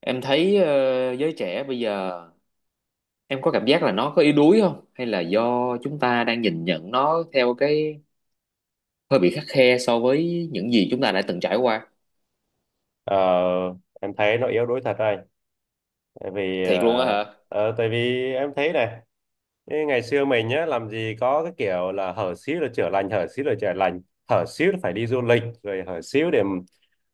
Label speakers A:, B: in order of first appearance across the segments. A: Em thấy giới trẻ bây giờ em có cảm giác là nó có yếu đuối không? Hay là do chúng ta đang nhìn nhận nó theo cái hơi bị khắt khe so với những gì chúng ta đã từng trải qua?
B: Ờ, em thấy nó yếu đuối thật đây, tại vì
A: Thiệt luôn á
B: ờ,
A: hả?
B: ờ, tại vì em thấy này. Cái ngày xưa mình nhá làm gì có cái kiểu là hở xíu là chữa lành, hở xíu là chữa lành, hở xíu là phải đi du lịch rồi, hở xíu để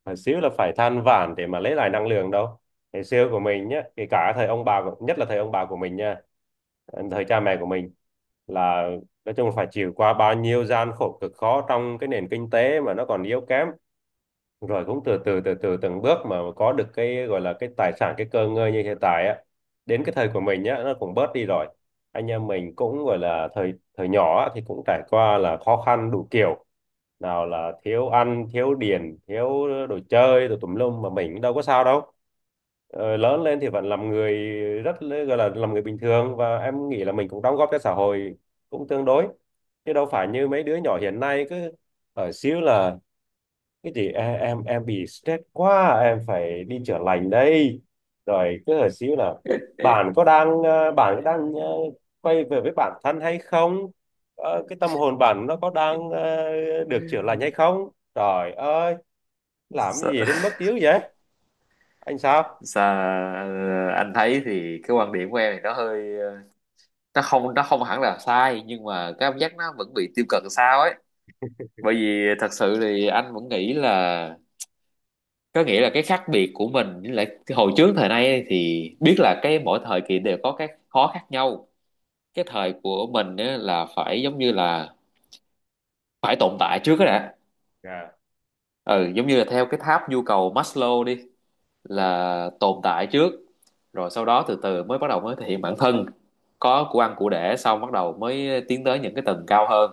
B: hở xíu là phải than vãn để mà lấy lại năng lượng đâu. Ngày xưa của mình nhá, kể cả thời ông bà của- nhất là thời ông bà của mình nha, thời cha mẹ của mình là nói chung là phải chịu qua bao nhiêu gian khổ cực khó trong cái nền kinh tế mà nó còn yếu kém, rồi cũng từ từ từ từ từng bước mà có được cái gọi là cái tài sản, cái cơ ngơi như hiện tại á. Đến cái thời của mình nhá, nó cũng bớt đi rồi, anh em mình cũng gọi là thời thời nhỏ á, thì cũng trải qua là khó khăn đủ kiểu, nào là thiếu ăn thiếu điền thiếu đồ chơi đồ tùm lum mà mình đâu có sao đâu. Ờ, lớn lên thì vẫn làm người gọi là làm người bình thường, và em nghĩ là mình cũng đóng góp cho xã hội cũng tương đối, chứ đâu phải như mấy đứa nhỏ hiện nay cứ ở xíu là thế thì em bị stress quá, em phải đi chữa lành đây, rồi cứ hỏi xíu là bạn có đang bạn có đang quay về với bản thân hay không. Ờ, cái tâm hồn bạn nó có đang được chữa lành hay không. Trời ơi, làm cái
A: Sa-
B: gì đến mức dữ vậy? Anh sao?
A: anh thấy thì cái quan điểm của em thì nó hơi nó không hẳn là sai, nhưng mà cái cảm giác nó vẫn bị tiêu cực sao ấy. Bởi vì thật sự thì anh vẫn nghĩ là, có nghĩa là cái khác biệt của mình với lại cái hồi trước thời nay ấy, thì biết là cái mỗi thời kỳ đều có các khó khác nhau. Cái thời của mình ấy là phải giống như là phải tồn tại trước đó đã.
B: Dạ.
A: Ừ, giống như là theo cái tháp nhu cầu Maslow đi,
B: Ừ.
A: là tồn tại trước, rồi sau đó từ từ mới bắt đầu mới thể hiện bản thân, có của ăn của để xong bắt đầu mới tiến tới những cái tầng cao hơn.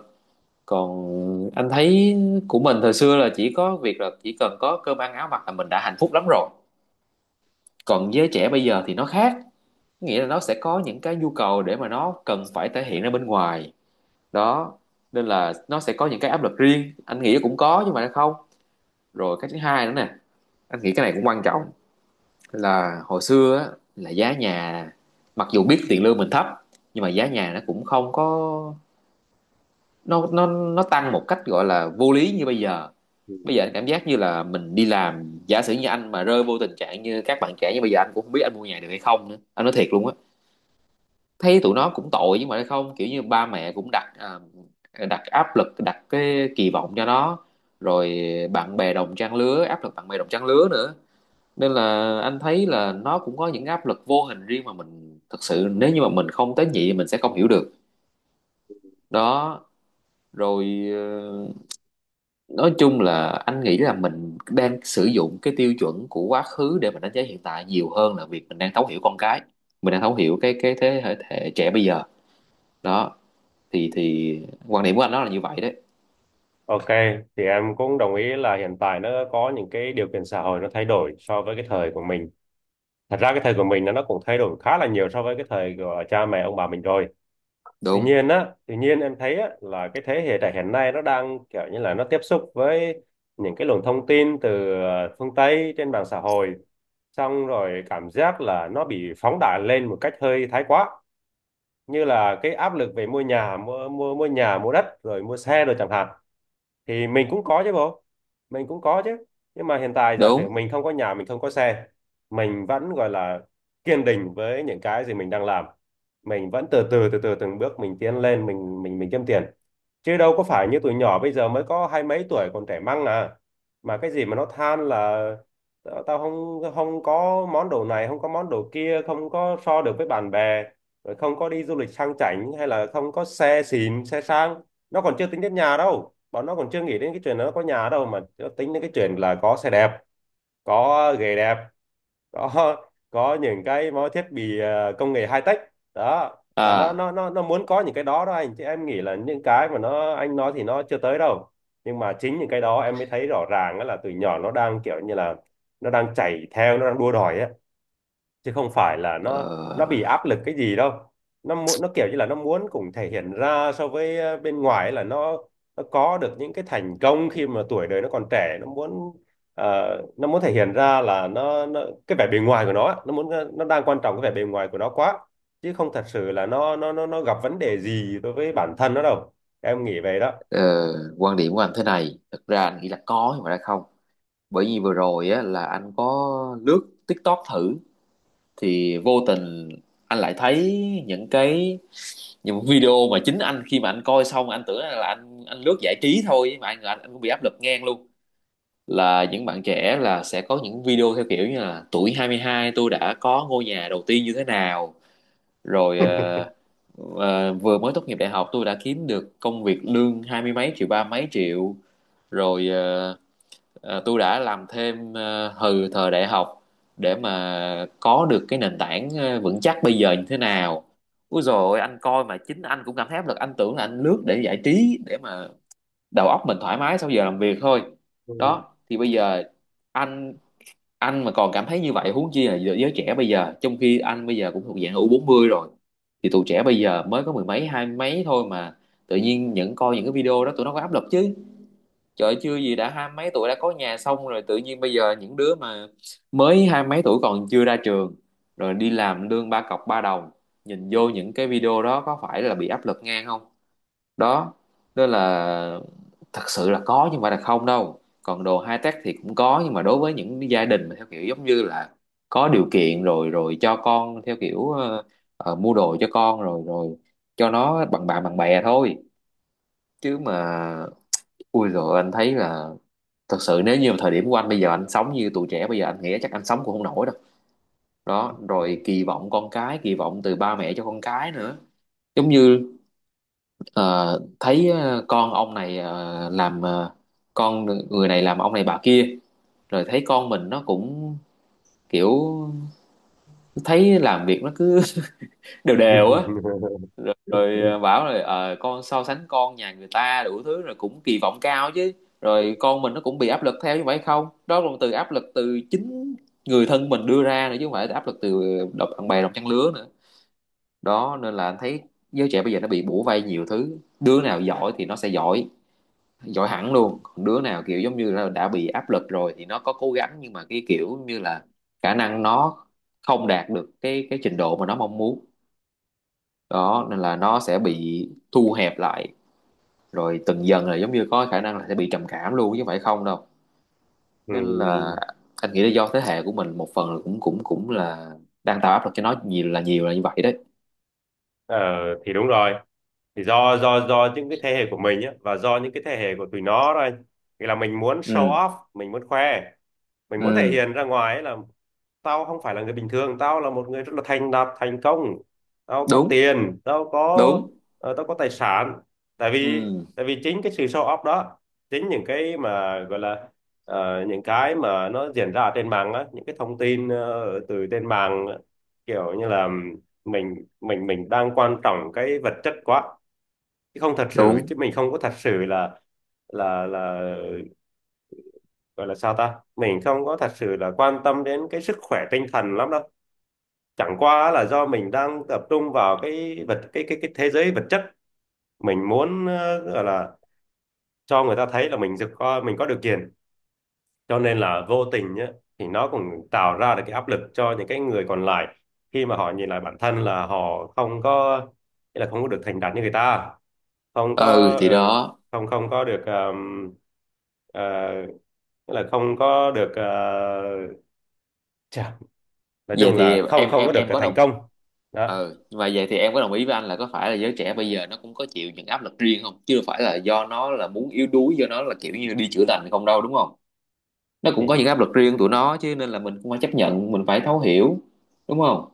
A: Còn anh thấy của mình thời xưa là chỉ có việc là chỉ cần có cơm ăn áo mặc là mình đã hạnh phúc lắm rồi. Còn giới trẻ bây giờ thì nó khác, nghĩa là nó sẽ có những cái nhu cầu để mà nó cần phải thể hiện ra bên ngoài đó, nên là nó sẽ có những cái áp lực riêng, anh nghĩ cũng có nhưng mà nó không. Rồi cái thứ hai nữa nè, anh nghĩ cái này cũng quan trọng, là hồi xưa á, là giá nhà, mặc dù biết tiền lương mình thấp nhưng mà giá nhà nó cũng không có, nó tăng một cách gọi là vô lý như bây giờ. Bây giờ anh cảm giác như là mình đi làm, giả sử như anh mà rơi vô tình trạng như các bạn trẻ như bây giờ, anh cũng không biết anh mua nhà được hay không nữa, anh nói thiệt luôn á. Thấy tụi nó cũng tội, nhưng mà không, kiểu như ba mẹ cũng đặt đặt áp lực đặt cái kỳ vọng cho nó, rồi bạn bè đồng trang lứa, áp lực bạn bè đồng trang lứa nữa, nên là anh thấy là nó cũng có những áp lực vô hình riêng mà mình thật sự nếu như mà mình không tế nhị thì mình sẽ không hiểu được đó. Rồi ờ, nói chung là anh nghĩ là mình đang sử dụng cái tiêu chuẩn của quá khứ để mình đánh giá hiện tại nhiều hơn là việc mình đang thấu hiểu con cái, mình đang thấu hiểu cái thế hệ trẻ bây giờ đó. Thì quan điểm của anh đó là như vậy đấy.
B: Ok, thì em cũng đồng ý là hiện tại nó có những cái điều kiện xã hội nó thay đổi so với cái thời của mình. Thật ra cái thời của mình nó cũng thay đổi khá là nhiều so với cái thời của cha mẹ ông bà mình rồi. Tuy
A: Đúng.
B: nhiên á, tuy nhiên em thấy á là cái thế hệ trẻ hiện nay nó đang kiểu như là nó tiếp xúc với những cái luồng thông tin từ phương Tây trên mạng xã hội, xong rồi cảm giác là nó bị phóng đại lên một cách hơi thái quá, như là cái áp lực về mua nhà, mua mua mua nhà mua đất rồi mua xe rồi chẳng hạn. Thì mình cũng có chứ bộ, mình cũng có chứ, nhưng mà hiện tại giả sử
A: Đúng.
B: mình không có nhà, mình không có xe, mình vẫn gọi là kiên định với những cái gì mình đang làm. Mình vẫn từ từ từ từ từng bước mình tiến lên, mình kiếm tiền, chứ đâu có phải như tụi nhỏ bây giờ mới có hai mấy tuổi còn trẻ măng à, mà cái gì mà nó than là tao tao không không có món đồ này, không có món đồ kia, không có so được với bạn bè, rồi không có đi du lịch sang chảnh hay là không có xe xịn xe sang. Nó còn chưa tính đến nhà đâu, bọn nó còn chưa nghĩ đến cái chuyện nó có nhà đâu, mà nó tính đến cái chuyện là có xe đẹp, có ghế đẹp, có có những cái mọi thiết bị công nghệ high tech đó. Là nó
A: À.
B: nó nó nó muốn có những cái đó đó anh, chứ em nghĩ là những cái mà nó anh nói thì nó chưa tới đâu. Nhưng mà chính những cái đó em mới thấy rõ ràng á, là từ nhỏ nó đang kiểu như là nó đang chạy theo, nó đang đua đòi á, chứ không phải là nó bị
A: ờ,
B: áp lực cái gì đâu. Nó muốn, nó kiểu như là nó muốn cũng thể hiện ra so với bên ngoài ấy, là nó có được những cái thành công khi mà tuổi đời nó còn trẻ. Nó muốn nó muốn thể hiện ra là nó cái vẻ bề ngoài của nó ấy, nó muốn nó đang quan trọng cái vẻ bề ngoài của nó quá, chứ không thật sự là nó gặp vấn đề gì đối với bản thân nó đâu. Em nghĩ vậy đó.
A: ờ, Quan điểm của anh thế này, thực ra anh nghĩ là có nhưng mà đã không, bởi vì vừa rồi á là anh có lướt TikTok thử, thì vô tình anh lại thấy những cái những video mà chính anh khi mà anh coi xong anh tưởng là anh lướt giải trí thôi, mà anh cũng bị áp lực ngang luôn, là những bạn trẻ là sẽ có những video theo kiểu như là tuổi 22 tôi đã có ngôi nhà đầu tiên như thế nào, rồi vừa mới tốt nghiệp đại học tôi đã kiếm được công việc lương hai mươi mấy triệu ba mấy triệu, rồi tôi đã làm thêm từ thời đại học để mà có được cái nền tảng vững chắc bây giờ như thế nào. Úi dồi ôi, anh coi mà chính anh cũng cảm thấy áp lực, anh tưởng là anh lướt để giải trí để mà đầu óc mình thoải mái sau giờ làm việc thôi.
B: Ừ.
A: Đó thì bây giờ anh anh mà còn cảm thấy như vậy, huống chi là giới giới trẻ bây giờ, trong khi anh bây giờ cũng thuộc dạng u bốn mươi rồi, thì tụi trẻ bây giờ mới có mười mấy hai mấy thôi mà tự nhiên những coi những cái video đó tụi nó có áp lực chứ. Trời ơi, chưa gì đã hai mấy tuổi đã có nhà xong, rồi tự nhiên bây giờ những đứa mà mới hai mấy tuổi còn chưa ra trường, rồi đi làm lương ba cọc ba đồng, nhìn vô những cái video đó có phải là bị áp lực ngang không đó, nên là thật sự là có nhưng mà là không đâu. Còn đồ high tech thì cũng có, nhưng mà đối với những gia đình mà theo kiểu giống như là có điều kiện rồi rồi cho con theo kiểu mua đồ cho con rồi rồi cho nó bằng bạn bằng bè thôi. Chứ mà ui, rồi anh thấy là thật sự nếu như thời điểm của anh bây giờ anh sống như tụi trẻ bây giờ anh nghĩ chắc anh sống cũng không nổi đâu. Đó rồi kỳ vọng con cái, kỳ vọng từ ba mẹ cho con cái nữa, giống như, ờ, thấy con ông này làm con người này làm ông này bà kia, rồi thấy con mình nó cũng kiểu, thấy làm việc nó cứ đều đều á, rồi, rồi ờ, bảo rồi con so sánh con nhà người ta đủ thứ rồi, cũng kỳ vọng cao chứ, rồi con mình nó cũng bị áp lực theo như vậy không đó, là từ áp lực từ chính người thân mình đưa ra nữa chứ không phải áp lực từ độc bạn bè đồng trang lứa nữa đó. Nên là anh thấy giới trẻ bây giờ nó bị bủa vây nhiều thứ, đứa nào giỏi thì nó sẽ giỏi giỏi hẳn luôn, còn đứa nào kiểu giống như là đã bị áp lực rồi thì nó có cố gắng nhưng mà cái kiểu như là khả năng nó không đạt được cái trình độ mà nó mong muốn đó, nên là nó sẽ bị thu hẹp lại, rồi từng dần là giống như có khả năng là sẽ bị trầm cảm luôn chứ không phải không đâu.
B: Ừ.
A: Nên là anh nghĩ là do thế hệ của mình một phần là cũng cũng cũng là đang tạo áp lực cho nó nhiều là như vậy đấy.
B: Ờ, thì đúng rồi, thì do những cái thế hệ của mình á và do những cái thế hệ của tụi nó thôi, thì là mình muốn show
A: Ừ.
B: off, mình muốn khoe, mình muốn thể
A: Ừ.
B: hiện ra ngoài ấy, là tao không phải là người bình thường, tao là một người rất là thành đạt thành công, tao có
A: Đúng.
B: tiền, tao có
A: Đúng.
B: tao có tài sản. Tại vì,
A: Ừ.
B: tại vì chính cái sự show off đó, chính những cái mà gọi là những cái mà nó diễn ra ở trên mạng á, những cái thông tin từ trên mạng, kiểu như là mình đang quan trọng cái vật chất quá, chứ không thật sự,
A: Đúng.
B: chứ mình không có thật sự là gọi là sao ta, mình không có thật sự là quan tâm đến cái sức khỏe tinh thần lắm đâu. Chẳng qua là do mình đang tập trung vào cái vật, cái cái thế giới vật chất, mình muốn gọi là cho người ta thấy là mình được có, mình có điều kiện. Cho nên là vô tình nhá, thì nó cũng tạo ra được cái áp lực cho những cái người còn lại, khi mà họ nhìn lại bản thân là họ không có, nghĩa là không có được thành đạt như người ta, không
A: Ừ
B: có
A: thì đó.
B: không không có được ờ, nghĩa là không có được chà, nói
A: Vậy
B: chung
A: thì
B: là không
A: em
B: không có
A: em
B: được
A: em có
B: thành
A: đồng,
B: công đó.
A: ừ, nhưng mà vậy thì em có đồng ý với anh là có phải là giới trẻ bây giờ nó cũng có chịu những áp lực riêng không, chứ đâu phải là do nó là muốn yếu đuối, do nó là kiểu như đi chữa lành không đâu, đúng không? Nó cũng
B: thì
A: có những áp lực riêng tụi nó chứ, nên là mình cũng phải chấp nhận mình phải thấu hiểu, đúng không?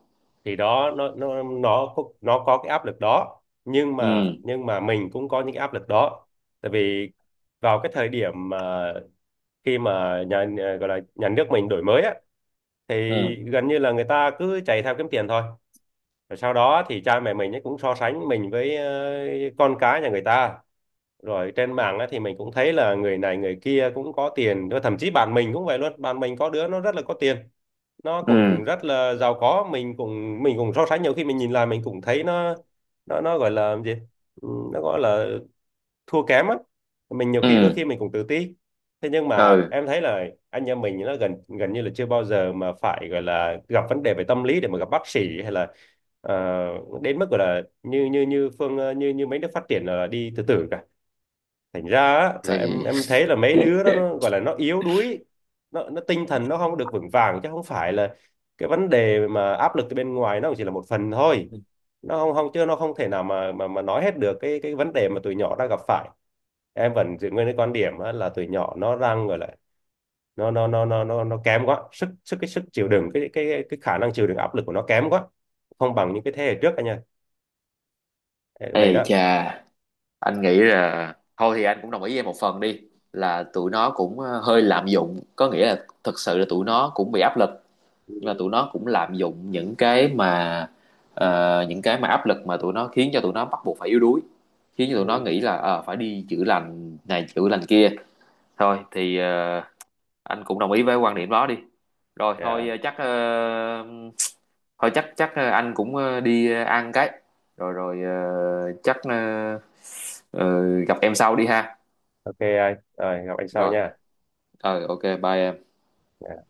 B: thì đó, nó có cái áp lực đó,
A: Ừ.
B: nhưng mà mình cũng có những cái áp lực đó. Tại vì vào cái thời điểm mà khi mà nhà nhà- gọi là nhà nước mình đổi mới á, thì
A: Ừ.
B: gần như là người ta cứ chạy theo kiếm tiền thôi. Rồi sau đó thì cha mẹ mình ấy cũng so sánh mình với con cái nhà người ta. Rồi trên mạng á, thì mình cũng thấy là người này người kia cũng có tiền, rồi thậm chí bạn mình cũng vậy luôn, bạn mình có đứa nó rất là có tiền, nó
A: Ừ.
B: cũng rất là giàu có. Mình cũng so sánh, nhiều khi mình nhìn lại mình cũng thấy nó nó gọi là gì? Ừ, nó gọi là thua kém á. Mình nhiều khi đôi
A: Ừ.
B: khi mình cũng tự ti. Thế nhưng mà
A: Ừ
B: em thấy là anh em mình nó gần gần như là chưa bao giờ mà phải gọi là gặp vấn đề về tâm lý để mà gặp bác sĩ, hay là ờ, đến mức gọi là như như như như như mấy nước phát triển là đi tự tử cả. Thành ra á, là em
A: thì.
B: em thấy là mấy đứa đó nó gọi là nó yếu đuối, nó tinh thần nó không được vững vàng, chứ không phải là cái vấn đề mà áp lực từ bên ngoài nó cũng chỉ là một phần thôi. Nó không không, chứ nó không thể nào mà mà nói hết được cái vấn đề mà tụi nhỏ đang gặp phải. Em vẫn giữ nguyên cái quan điểm á, là tụi nhỏ nó đang gọi là nó kém quá, sức sức cái sức chịu đựng, cái khả năng chịu đựng áp lực của nó kém quá, không bằng những cái thế hệ trước anh nha.
A: Ê
B: Vậy đó.
A: chà, anh nghĩ là thôi thì anh cũng đồng ý với em một phần đi, là tụi nó cũng hơi lạm dụng, có nghĩa là thực sự là tụi nó cũng bị áp lực, nhưng mà tụi nó cũng lạm dụng những cái mà những cái mà áp lực mà tụi nó khiến cho tụi nó bắt buộc phải yếu đuối, khiến cho tụi nó
B: Ừ.
A: nghĩ là phải đi chữa lành này chữa lành kia. Thôi thì anh cũng đồng ý với quan điểm đó đi. Rồi thôi
B: Yeah.
A: chắc thôi chắc chắc anh cũng đi ăn cái, rồi rồi ờ, chắc ờ, gặp em sau đi ha.
B: Ok anh, rồi gặp anh sau
A: Rồi
B: nha.
A: ok bye em.
B: Dạ.